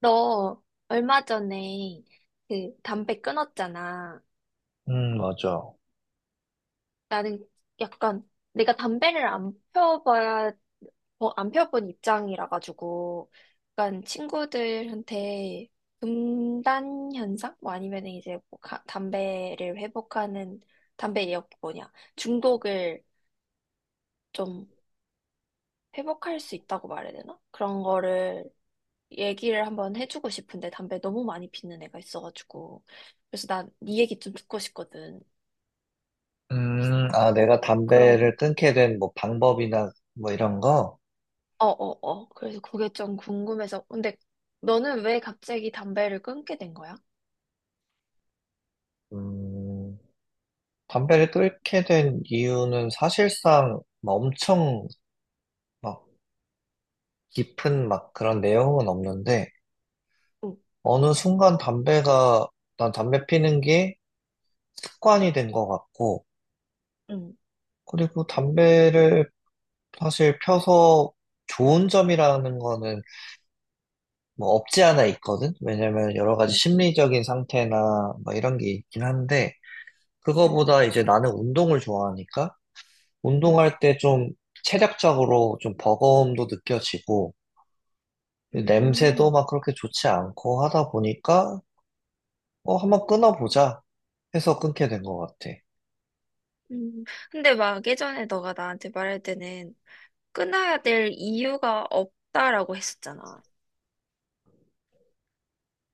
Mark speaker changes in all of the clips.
Speaker 1: 너 얼마 전에 그 담배 끊었잖아.
Speaker 2: 맞아.
Speaker 1: 나는 약간 내가 담배를 안 펴봐야, 어, 안 펴본 입장이라 가지고 약간 친구들한테 금단 현상? 뭐 아니면 이제 뭐 담배를 회복하는 담배 역 뭐냐 중독을 좀 회복할 수 있다고 말해야 되나? 그런 거를 얘기를 한번 해주고 싶은데 담배 너무 많이 피는 애가 있어가지고. 그래서 난 네 얘기 좀 듣고 싶거든.
Speaker 2: 아, 내가
Speaker 1: 그런,
Speaker 2: 담배를 끊게 된 뭐 방법이나 뭐 이런 거,
Speaker 1: 어어어 그래서 그게 좀 궁금해서. 근데 너는 왜 갑자기 담배를 끊게 된 거야?
Speaker 2: 음, 담배를 끊게 된 이유는 사실상 막 엄청 막 깊은 막 그런 내용은 없는데,
Speaker 1: 응,
Speaker 2: 어느 순간 담배가, 난 담배 피는 게 습관이 된 것 같고,
Speaker 1: 응,
Speaker 2: 그리고 담배를 사실 펴서 좋은 점이라는 거는 뭐 없지 않아 있거든? 왜냐면 여러 가지
Speaker 1: 응, 응,
Speaker 2: 심리적인 상태나 뭐 이런 게 있긴 한데,
Speaker 1: 응,
Speaker 2: 그거보다 이제 나는 운동을 좋아하니까
Speaker 1: 응.
Speaker 2: 운동할 때 좀 체력적으로 좀 버거움도 느껴지고 냄새도
Speaker 1: 음,
Speaker 2: 막 그렇게 좋지 않고 하다 보니까 어, 한번 끊어보자 해서 끊게 된 것 같아.
Speaker 1: 음. 근데 막 예전에 너가 나한테 말할 때는 끊어야 될 이유가 없다라고 했었잖아.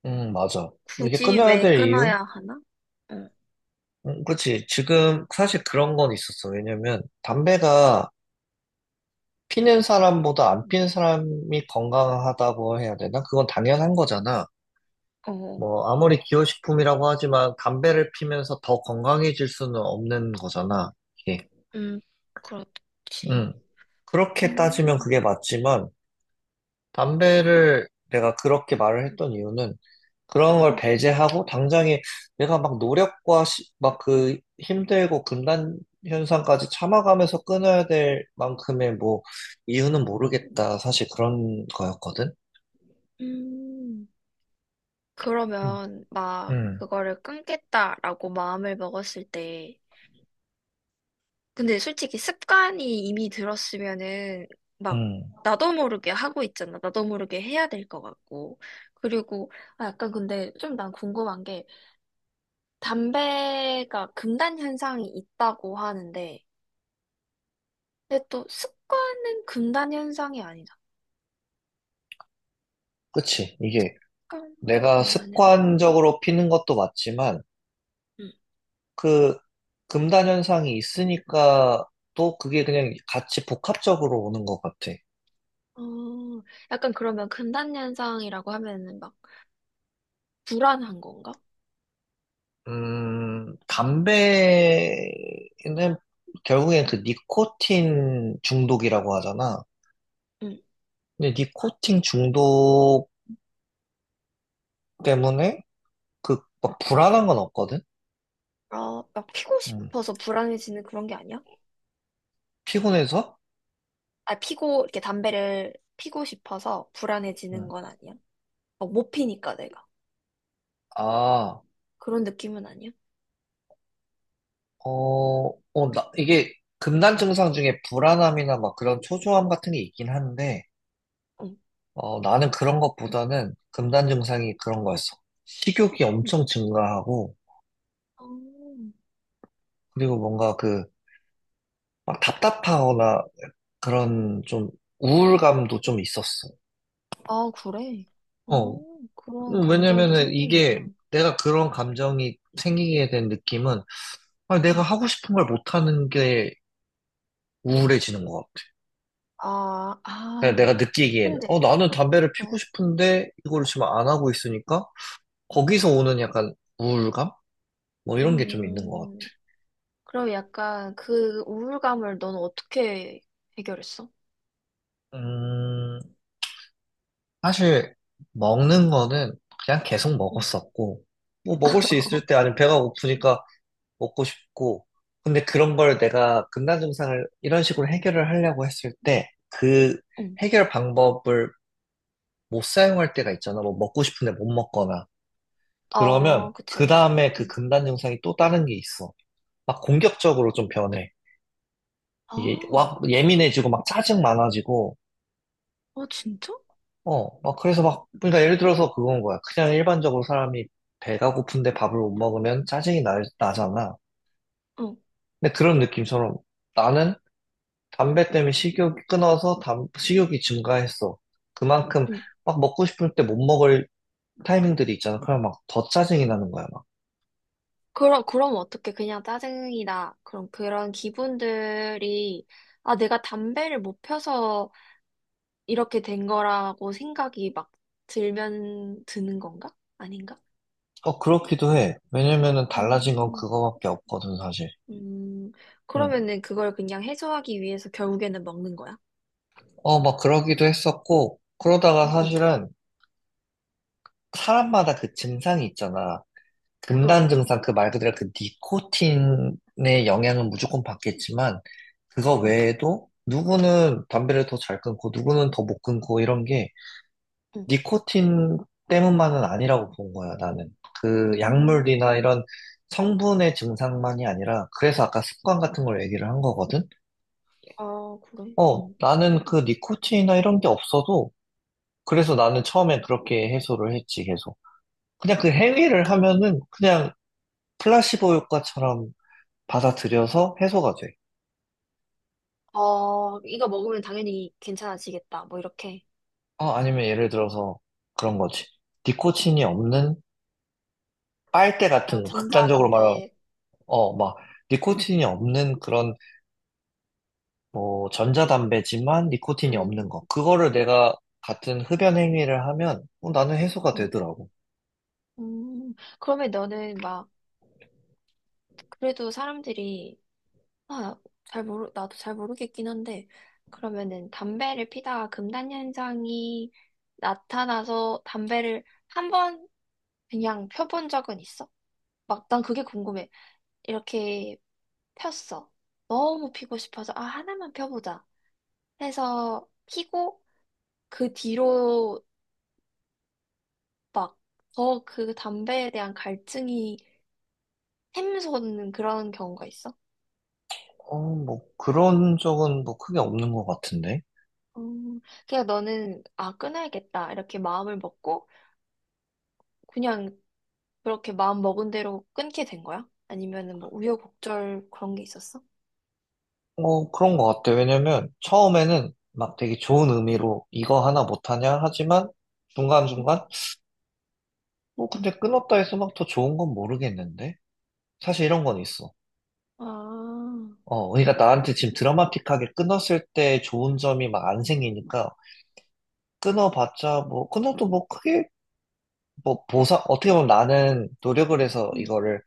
Speaker 2: 맞아. 이게
Speaker 1: 굳이
Speaker 2: 끊어야
Speaker 1: 왜
Speaker 2: 될 이유?
Speaker 1: 끊어야 하나? 응.
Speaker 2: 그렇지. 지금 사실 그런 건 있었어. 왜냐면 담배가 피는 사람보다 안 피는 사람이 건강하다고 해야 되나? 그건 당연한 거잖아.
Speaker 1: 어,
Speaker 2: 뭐, 아무리 기호식품이라고 하지만 담배를 피면서 더 건강해질 수는 없는 거잖아, 이게.
Speaker 1: 음, 그렇지.
Speaker 2: 음. 그렇게 따지면
Speaker 1: 음,
Speaker 2: 그게 맞지만, 담배를 내가 그렇게 말을 했던 이유는 그런 걸
Speaker 1: 음,
Speaker 2: 배제하고 당장에 내가 막 노력과 막 그 힘들고 금단 현상까지 참아가면서 끊어야 될 만큼의 뭐 이유는 모르겠다. 사실 그런 거였거든.
Speaker 1: 음.
Speaker 2: 음.
Speaker 1: 그러면 막
Speaker 2: 음.
Speaker 1: 그거를 끊겠다라고 마음을 먹었을 때, 근데 솔직히 습관이 이미 들었으면은 막
Speaker 2: 음.
Speaker 1: 나도 모르게 하고 있잖아. 나도 모르게 해야 될 것 같고. 그리고 아, 약간 근데 좀 난 궁금한 게, 담배가 금단 현상이 있다고 하는데, 근데 또 습관은 금단 현상이 아니다.
Speaker 2: 그치. 이게
Speaker 1: 습관과
Speaker 2: 내가
Speaker 1: 금단 현상.
Speaker 2: 습관적으로 피는 것도 맞지만 그 금단 현상이 있으니까 또 그게 그냥 같이 복합적으로 오는 것 같아.
Speaker 1: 어, 약간 그러면 금단현상이라고 하면은 막 불안한 건가?
Speaker 2: 담배는 결국엔 그 니코틴 중독이라고 하잖아.
Speaker 1: 응.
Speaker 2: 근데 니코틴 중독 때문에 그 막 불안한 건 없거든?
Speaker 1: 어, 막 피고
Speaker 2: 음,
Speaker 1: 싶어서 불안해지는 그런 게 아니야?
Speaker 2: 피곤해서?
Speaker 1: 아, 피고, 이렇게 담배를 피고 싶어서
Speaker 2: 음,
Speaker 1: 불안해지는 건 아니야? 어, 못 피니까 내가.
Speaker 2: 아,
Speaker 1: 그런 느낌은 아니야?
Speaker 2: 어, 나, 이게 금단 증상 중에 불안함이나 막 그런 초조함 같은 게 있긴 한데,
Speaker 1: 응.
Speaker 2: 어, 나는 그런 것보다는 금단 증상이 그런 거였어. 식욕이 엄청 증가하고,
Speaker 1: 어,
Speaker 2: 그리고 뭔가 그, 막 답답하거나 그런 좀 우울감도 좀 있었어.
Speaker 1: 아, 그래. 어,
Speaker 2: 어,
Speaker 1: 그런 감정도
Speaker 2: 왜냐면은 이게
Speaker 1: 생기는구나.
Speaker 2: 내가 그런 감정이 생기게 된 느낌은, 아, 내가
Speaker 1: 응.
Speaker 2: 하고 싶은 걸 못하는 게 우울해지는 것 같아.
Speaker 1: 아,
Speaker 2: 그냥 내가
Speaker 1: 아.
Speaker 2: 느끼기에는, 어,
Speaker 1: 근데,
Speaker 2: 나는 담배를 피우고
Speaker 1: 어,
Speaker 2: 싶은데 이걸 지금 안 하고 있으니까, 거기서 오는 약간 우울감? 뭐 이런 게 좀 있는 것
Speaker 1: 음, 그럼 약간 그 우울감을 넌 어떻게 해결했어?
Speaker 2: 같아. 사실 먹는 거는 그냥 계속 먹었었고 뭐 먹을 수
Speaker 1: 어,
Speaker 2: 있을 때 아니면 배가 고프니까 먹고 싶고 근데 그런 걸 내가 금단 증상을 이런 식으로 해결을 하려고 했을 때 그
Speaker 1: 응.
Speaker 2: 해결 방법을 못 사용할 때가 있잖아 뭐 먹고 싶은데 못 먹거나 그러면
Speaker 1: 어, 그치,
Speaker 2: 그
Speaker 1: 그치.
Speaker 2: 다음에 그
Speaker 1: 응.
Speaker 2: 금단 증상이 또 다른 게 있어 막 공격적으로 좀 변해
Speaker 1: 아,
Speaker 2: 이게
Speaker 1: 어,
Speaker 2: 막 예민해지고 막 짜증 많아지고
Speaker 1: 진짜?
Speaker 2: 어, 막 그래서 막, 그러니까 예를 들어서 그건 거야. 그냥 일반적으로 사람이 배가 고픈데 밥을 못 먹으면 짜증이 나잖아.
Speaker 1: 응.
Speaker 2: 근데 그런 느낌처럼 나는 담배 때문에 식욕이 끊어서 식욕이 증가했어. 그만큼
Speaker 1: 응.
Speaker 2: 막 먹고 싶을 때 못 먹을 타이밍들이 있잖아. 그럼 막 더 짜증이 나는 거야, 막.
Speaker 1: 그럼 어떻게 그냥 짜증이나 그런, 그런 기분들이, 아, 내가 담배를 못 펴서 이렇게 된 거라고 생각이 막 들면 드는 건가? 아닌가?
Speaker 2: 어, 그렇기도 해. 왜냐면은 달라진 건
Speaker 1: 음,
Speaker 2: 그거밖에 없거든, 사실.
Speaker 1: 음,
Speaker 2: 응.
Speaker 1: 그러면은 그걸 그냥 해소하기 위해서 결국에는 먹는 거야?
Speaker 2: 어, 막 그러기도 했었고, 그러다가
Speaker 1: 응, 응,
Speaker 2: 사실은 사람마다 그 증상이 있잖아. 금단
Speaker 1: 응,
Speaker 2: 증상 그 말 그대로 그 니코틴의 영향은 무조건 받겠지만 그거
Speaker 1: 응,
Speaker 2: 외에도 누구는 담배를 더 잘 끊고 누구는 더 못 끊고 이런 게
Speaker 1: 응.
Speaker 2: 니코틴 때문만은 아니라고 본 거야 나는 그 약물이나
Speaker 1: 음,
Speaker 2: 이런 성분의 증상만이 아니라 그래서 아까 습관 같은 걸 얘기를 한 거거든
Speaker 1: 아, 그래?
Speaker 2: 어 나는 그 니코틴이나 이런 게 없어도 그래서 나는 처음에 그렇게 해소를 했지 계속 그냥 그 행위를
Speaker 1: 응.
Speaker 2: 하면은 그냥 플라시보 효과처럼 받아들여서 해소가 돼.
Speaker 1: 어, 이거 먹으면 당연히 괜찮아지겠다, 뭐 이렇게.
Speaker 2: 어, 아니면 예를 들어서 그런 거지. 니코틴이 없는 빨대
Speaker 1: 아,
Speaker 2: 같은 거, 극단적으로 말하면,
Speaker 1: 전자담배.
Speaker 2: 어, 막, 니코틴이 없는 그런, 뭐, 전자담배지만 니코틴이
Speaker 1: 음,
Speaker 2: 없는 거. 그거를 내가 같은 흡연 행위를 하면, 어, 나는 해소가
Speaker 1: 음,
Speaker 2: 되더라고.
Speaker 1: 음. 그러면 너는 막 그래도 사람들이, 아, 잘 모르 나도 잘 모르겠긴 한데, 그러면은 담배를 피다가 금단 현상이 나타나서 담배를 한 번 그냥 펴본 적은 있어? 막 난 그게 궁금해. 이렇게 폈어. 너무 피고 싶어서, 아, 하나만 펴보자, 해서 피고, 그 뒤로 막, 더 그 담배에 대한 갈증이 샘솟는 그런 경우가 있어?
Speaker 2: 어, 뭐, 그런 적은 뭐 크게 없는 것 같은데.
Speaker 1: 음, 그냥 너는, 아, 끊어야겠다, 이렇게 마음을 먹고, 그냥 그렇게 마음 먹은 대로 끊게 된 거야? 아니면은 뭐 우여곡절 그런 게 있었어?
Speaker 2: 어, 그런 것 같아. 왜냐면, 처음에는 막 되게 좋은 의미로 이거 하나 못하냐? 하지만,
Speaker 1: 응?
Speaker 2: 중간중간, 뭐 근데 끊었다 해서 막 더 좋은 건 모르겠는데? 사실 이런 건 있어.
Speaker 1: 아,
Speaker 2: 어, 그러니까 나한테 지금 드라마틱하게 끊었을 때 좋은 점이 막 안 생기니까 끊어봤자 뭐 끊어도 뭐 크게 뭐 보상 어떻게 보면 나는 노력을 해서
Speaker 1: 응,
Speaker 2: 이거를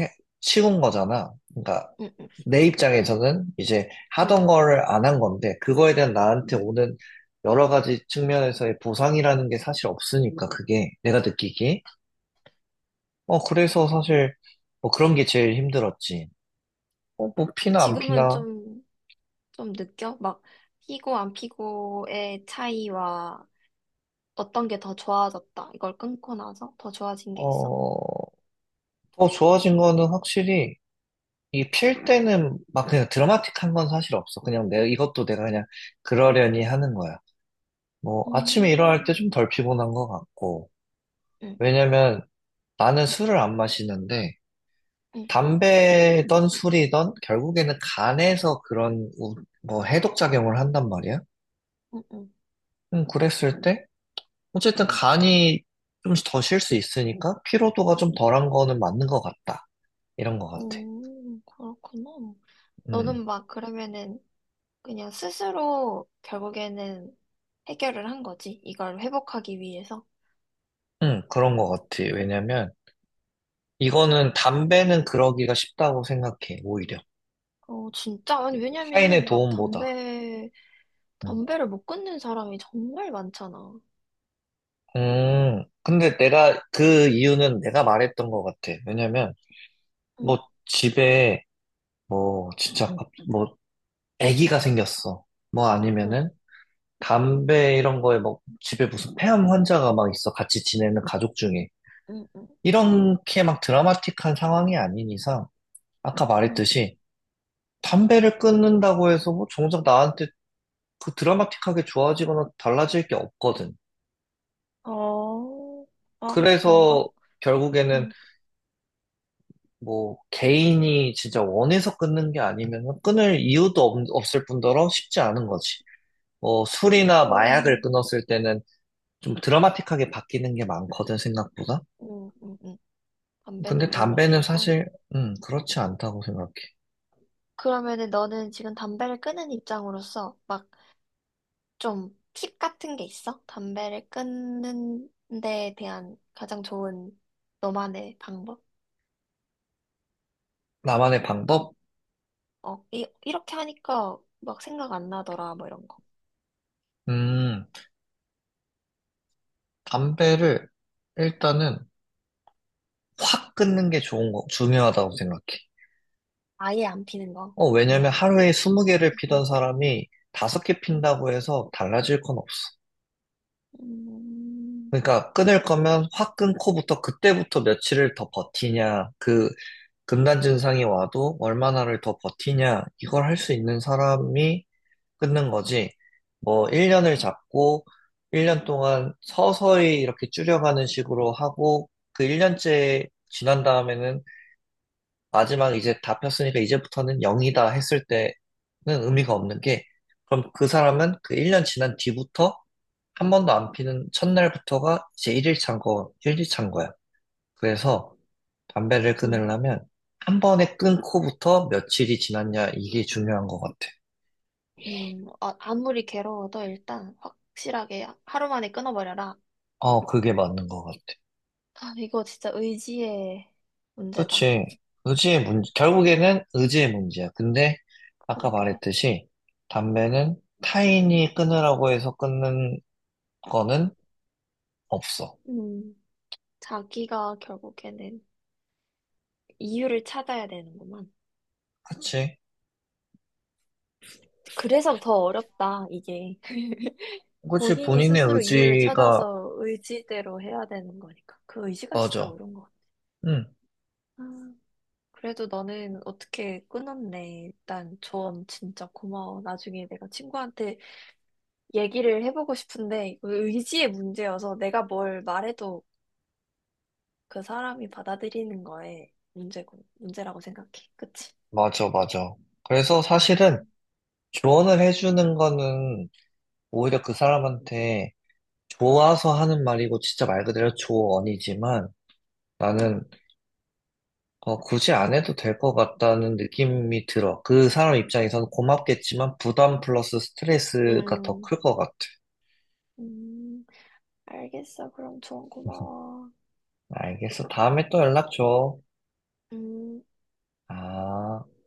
Speaker 2: 해, 치운 거잖아. 그러니까
Speaker 1: 응, 응,
Speaker 2: 내 입장에서는 이제
Speaker 1: 응.
Speaker 2: 하던 거를 안 한 건데 그거에 대한 나한테
Speaker 1: 응.
Speaker 2: 오는 여러 가지 측면에서의 보상이라는 게 사실 없으니까 그게 내가 느끼기에 어 그래서 사실 뭐 그런 게 제일 힘들었지. 어, 뭐 피나 안
Speaker 1: 지금은
Speaker 2: 피나?
Speaker 1: 좀, 좀 느껴? 막, 피고 안 피고의 차이와 어떤 게 더 좋아졌다. 이걸 끊고 나서 더 좋아진 게 있어?
Speaker 2: 어, 더 좋아진 거는 확실히 이 필 때는 막 그냥 드라마틱한 건 사실 없어. 그냥 내 이것도 내가 그냥 그러려니 하는 거야. 뭐 아침에 일어날 때
Speaker 1: 음,
Speaker 2: 좀 덜 피곤한 것 같고
Speaker 1: 응,
Speaker 2: 왜냐면 나는 술을 안 마시는데
Speaker 1: 응,
Speaker 2: 담배든 술이든 결국에는 간에서 그런 뭐 해독 작용을 한단 말이야.
Speaker 1: 응, 응.
Speaker 2: 그랬을 때 어쨌든 간이 좀 더 쉴 수 있으니까 피로도가 좀 덜한 거는 맞는 것 같다. 이런 것 같아.
Speaker 1: 오, 그렇구나.
Speaker 2: 음,
Speaker 1: 너는 막 그러면은 그냥 스스로 결국에는 해결을 한 거지. 이걸 회복하기 위해서.
Speaker 2: 그런 것 같아. 왜냐면, 이거는 담배는 그러기가 쉽다고 생각해, 오히려.
Speaker 1: 어, 진짜? 아니,
Speaker 2: 타인의
Speaker 1: 왜냐면은 막
Speaker 2: 도움보다.
Speaker 1: 담배,
Speaker 2: 음,
Speaker 1: 담배를 못 끊는 사람이 정말 많잖아.
Speaker 2: 근데 내가, 그 이유는 내가 말했던 것 같아. 왜냐면, 뭐,
Speaker 1: 응,
Speaker 2: 집에, 뭐, 진짜, 뭐, 아기가 생겼어. 뭐
Speaker 1: 응,
Speaker 2: 아니면은, 담배 이런 거에 뭐, 집에 무슨 폐암 환자가 막 있어. 같이 지내는 가족 중에.
Speaker 1: 응, 응,
Speaker 2: 이렇게 막 드라마틱한 상황이 아닌 이상, 아까
Speaker 1: 응.
Speaker 2: 말했듯이, 담배를 끊는다고 해서 뭐 정작 나한테 그 드라마틱하게 좋아지거나 달라질 게 없거든.
Speaker 1: 어, 아, 그런가?
Speaker 2: 그래서 결국에는
Speaker 1: 응.
Speaker 2: 뭐 개인이 진짜 원해서 끊는 게 아니면 끊을 이유도 없을 뿐더러 쉽지 않은 거지. 뭐 술이나 마약을
Speaker 1: 그럼,
Speaker 2: 끊었을 때는 좀 드라마틱하게 바뀌는 게 많거든, 생각보다.
Speaker 1: 응, 응, 응. 담배는
Speaker 2: 근데
Speaker 1: 별로
Speaker 2: 담배는
Speaker 1: 없어서.
Speaker 2: 사실, 그렇지 않다고 생각해.
Speaker 1: 그러면은 너는 지금 담배를 끊은 입장으로서 막 좀 팁 같은 게 있어? 담배를 끊는 데 대한 가장 좋은 너만의 방법?
Speaker 2: 나만의 방법?
Speaker 1: 어, 이렇게 하니까 막 생각 안 나더라, 뭐 이런 거.
Speaker 2: 음, 담배를 일단은 확 끊는 게 좋은 거, 중요하다고 생각해.
Speaker 1: 아예 안 피는 거.
Speaker 2: 어, 왜냐면
Speaker 1: 그냥,
Speaker 2: 하루에 20개를 피던
Speaker 1: 우리,
Speaker 2: 사람이 5개 핀다고 해서 달라질 건 없어.
Speaker 1: 음,
Speaker 2: 그러니까 끊을 거면 확 끊고부터 그때부터 며칠을 더 버티냐, 그 금단 증상이 와도 얼마나를 더 버티냐, 이걸 할 수 있는 사람이 끊는 거지. 뭐 1년을 잡고 1년 동안 서서히 이렇게 줄여가는 식으로 하고 그 1년째 지난 다음에는 마지막 이제 다 폈으니까 이제부터는 0이다 했을 때는 의미가 없는 게 그럼 그 사람은 그 1년 지난 뒤부터 한 번도 안 피는 첫날부터가 이제 1일 찬 거, 일 일 찬 거야. 그래서 담배를
Speaker 1: 음,
Speaker 2: 끊으려면 한 번에 끊고부터 며칠이 지났냐 이게 중요한 것 같아.
Speaker 1: 아무리 괴로워도 일단 확실하게 하루 만에 끊어버려라.
Speaker 2: 어, 그게 맞는 것 같아.
Speaker 1: 아, 이거 진짜 의지의 문제다.
Speaker 2: 그치. 의지의 문제, 결국에는 의지의 문제야. 근데 아까
Speaker 1: 그게
Speaker 2: 말했듯이 담배는 타인이 끊으라고 해서 끊는 거는 없어.
Speaker 1: 음, 자기가 결국에는 이유를 찾아야 되는구만.
Speaker 2: 그치.
Speaker 1: 그래서 더 어렵다, 이게.
Speaker 2: 그치,
Speaker 1: 본인이
Speaker 2: 본인의
Speaker 1: 스스로 이유를
Speaker 2: 의지가,
Speaker 1: 찾아서 의지대로 해야 되는 거니까. 그 의지가 진짜
Speaker 2: 맞아.
Speaker 1: 어려운 것 같아.
Speaker 2: 응,
Speaker 1: 아, 그래도 너는 어떻게 끊었네. 일단 조언 진짜 고마워. 나중에 내가 친구한테 얘기를 해보고 싶은데, 이거 의지의 문제여서 내가 뭘 말해도 그 사람이 받아들이는 거에 문제고, 문제라고 생각해. 그치?
Speaker 2: 맞아, 맞아. 그래서 사실은 조언을 해주는 거는 오히려 그 사람한테 좋아서 하는 말이고, 진짜 말 그대로 조언이지만,
Speaker 1: 음,
Speaker 2: 나는, 어, 굳이 안 해도 될 것 같다는 느낌이 들어. 그 사람 입장에서는 고맙겠지만, 부담 플러스 스트레스가 더
Speaker 1: 음,
Speaker 2: 클 것 같아.
Speaker 1: 음, 알겠어. 그럼 조언 고마워.
Speaker 2: 알겠어. 다음에 또 연락 줘.
Speaker 1: 음.
Speaker 2: 아.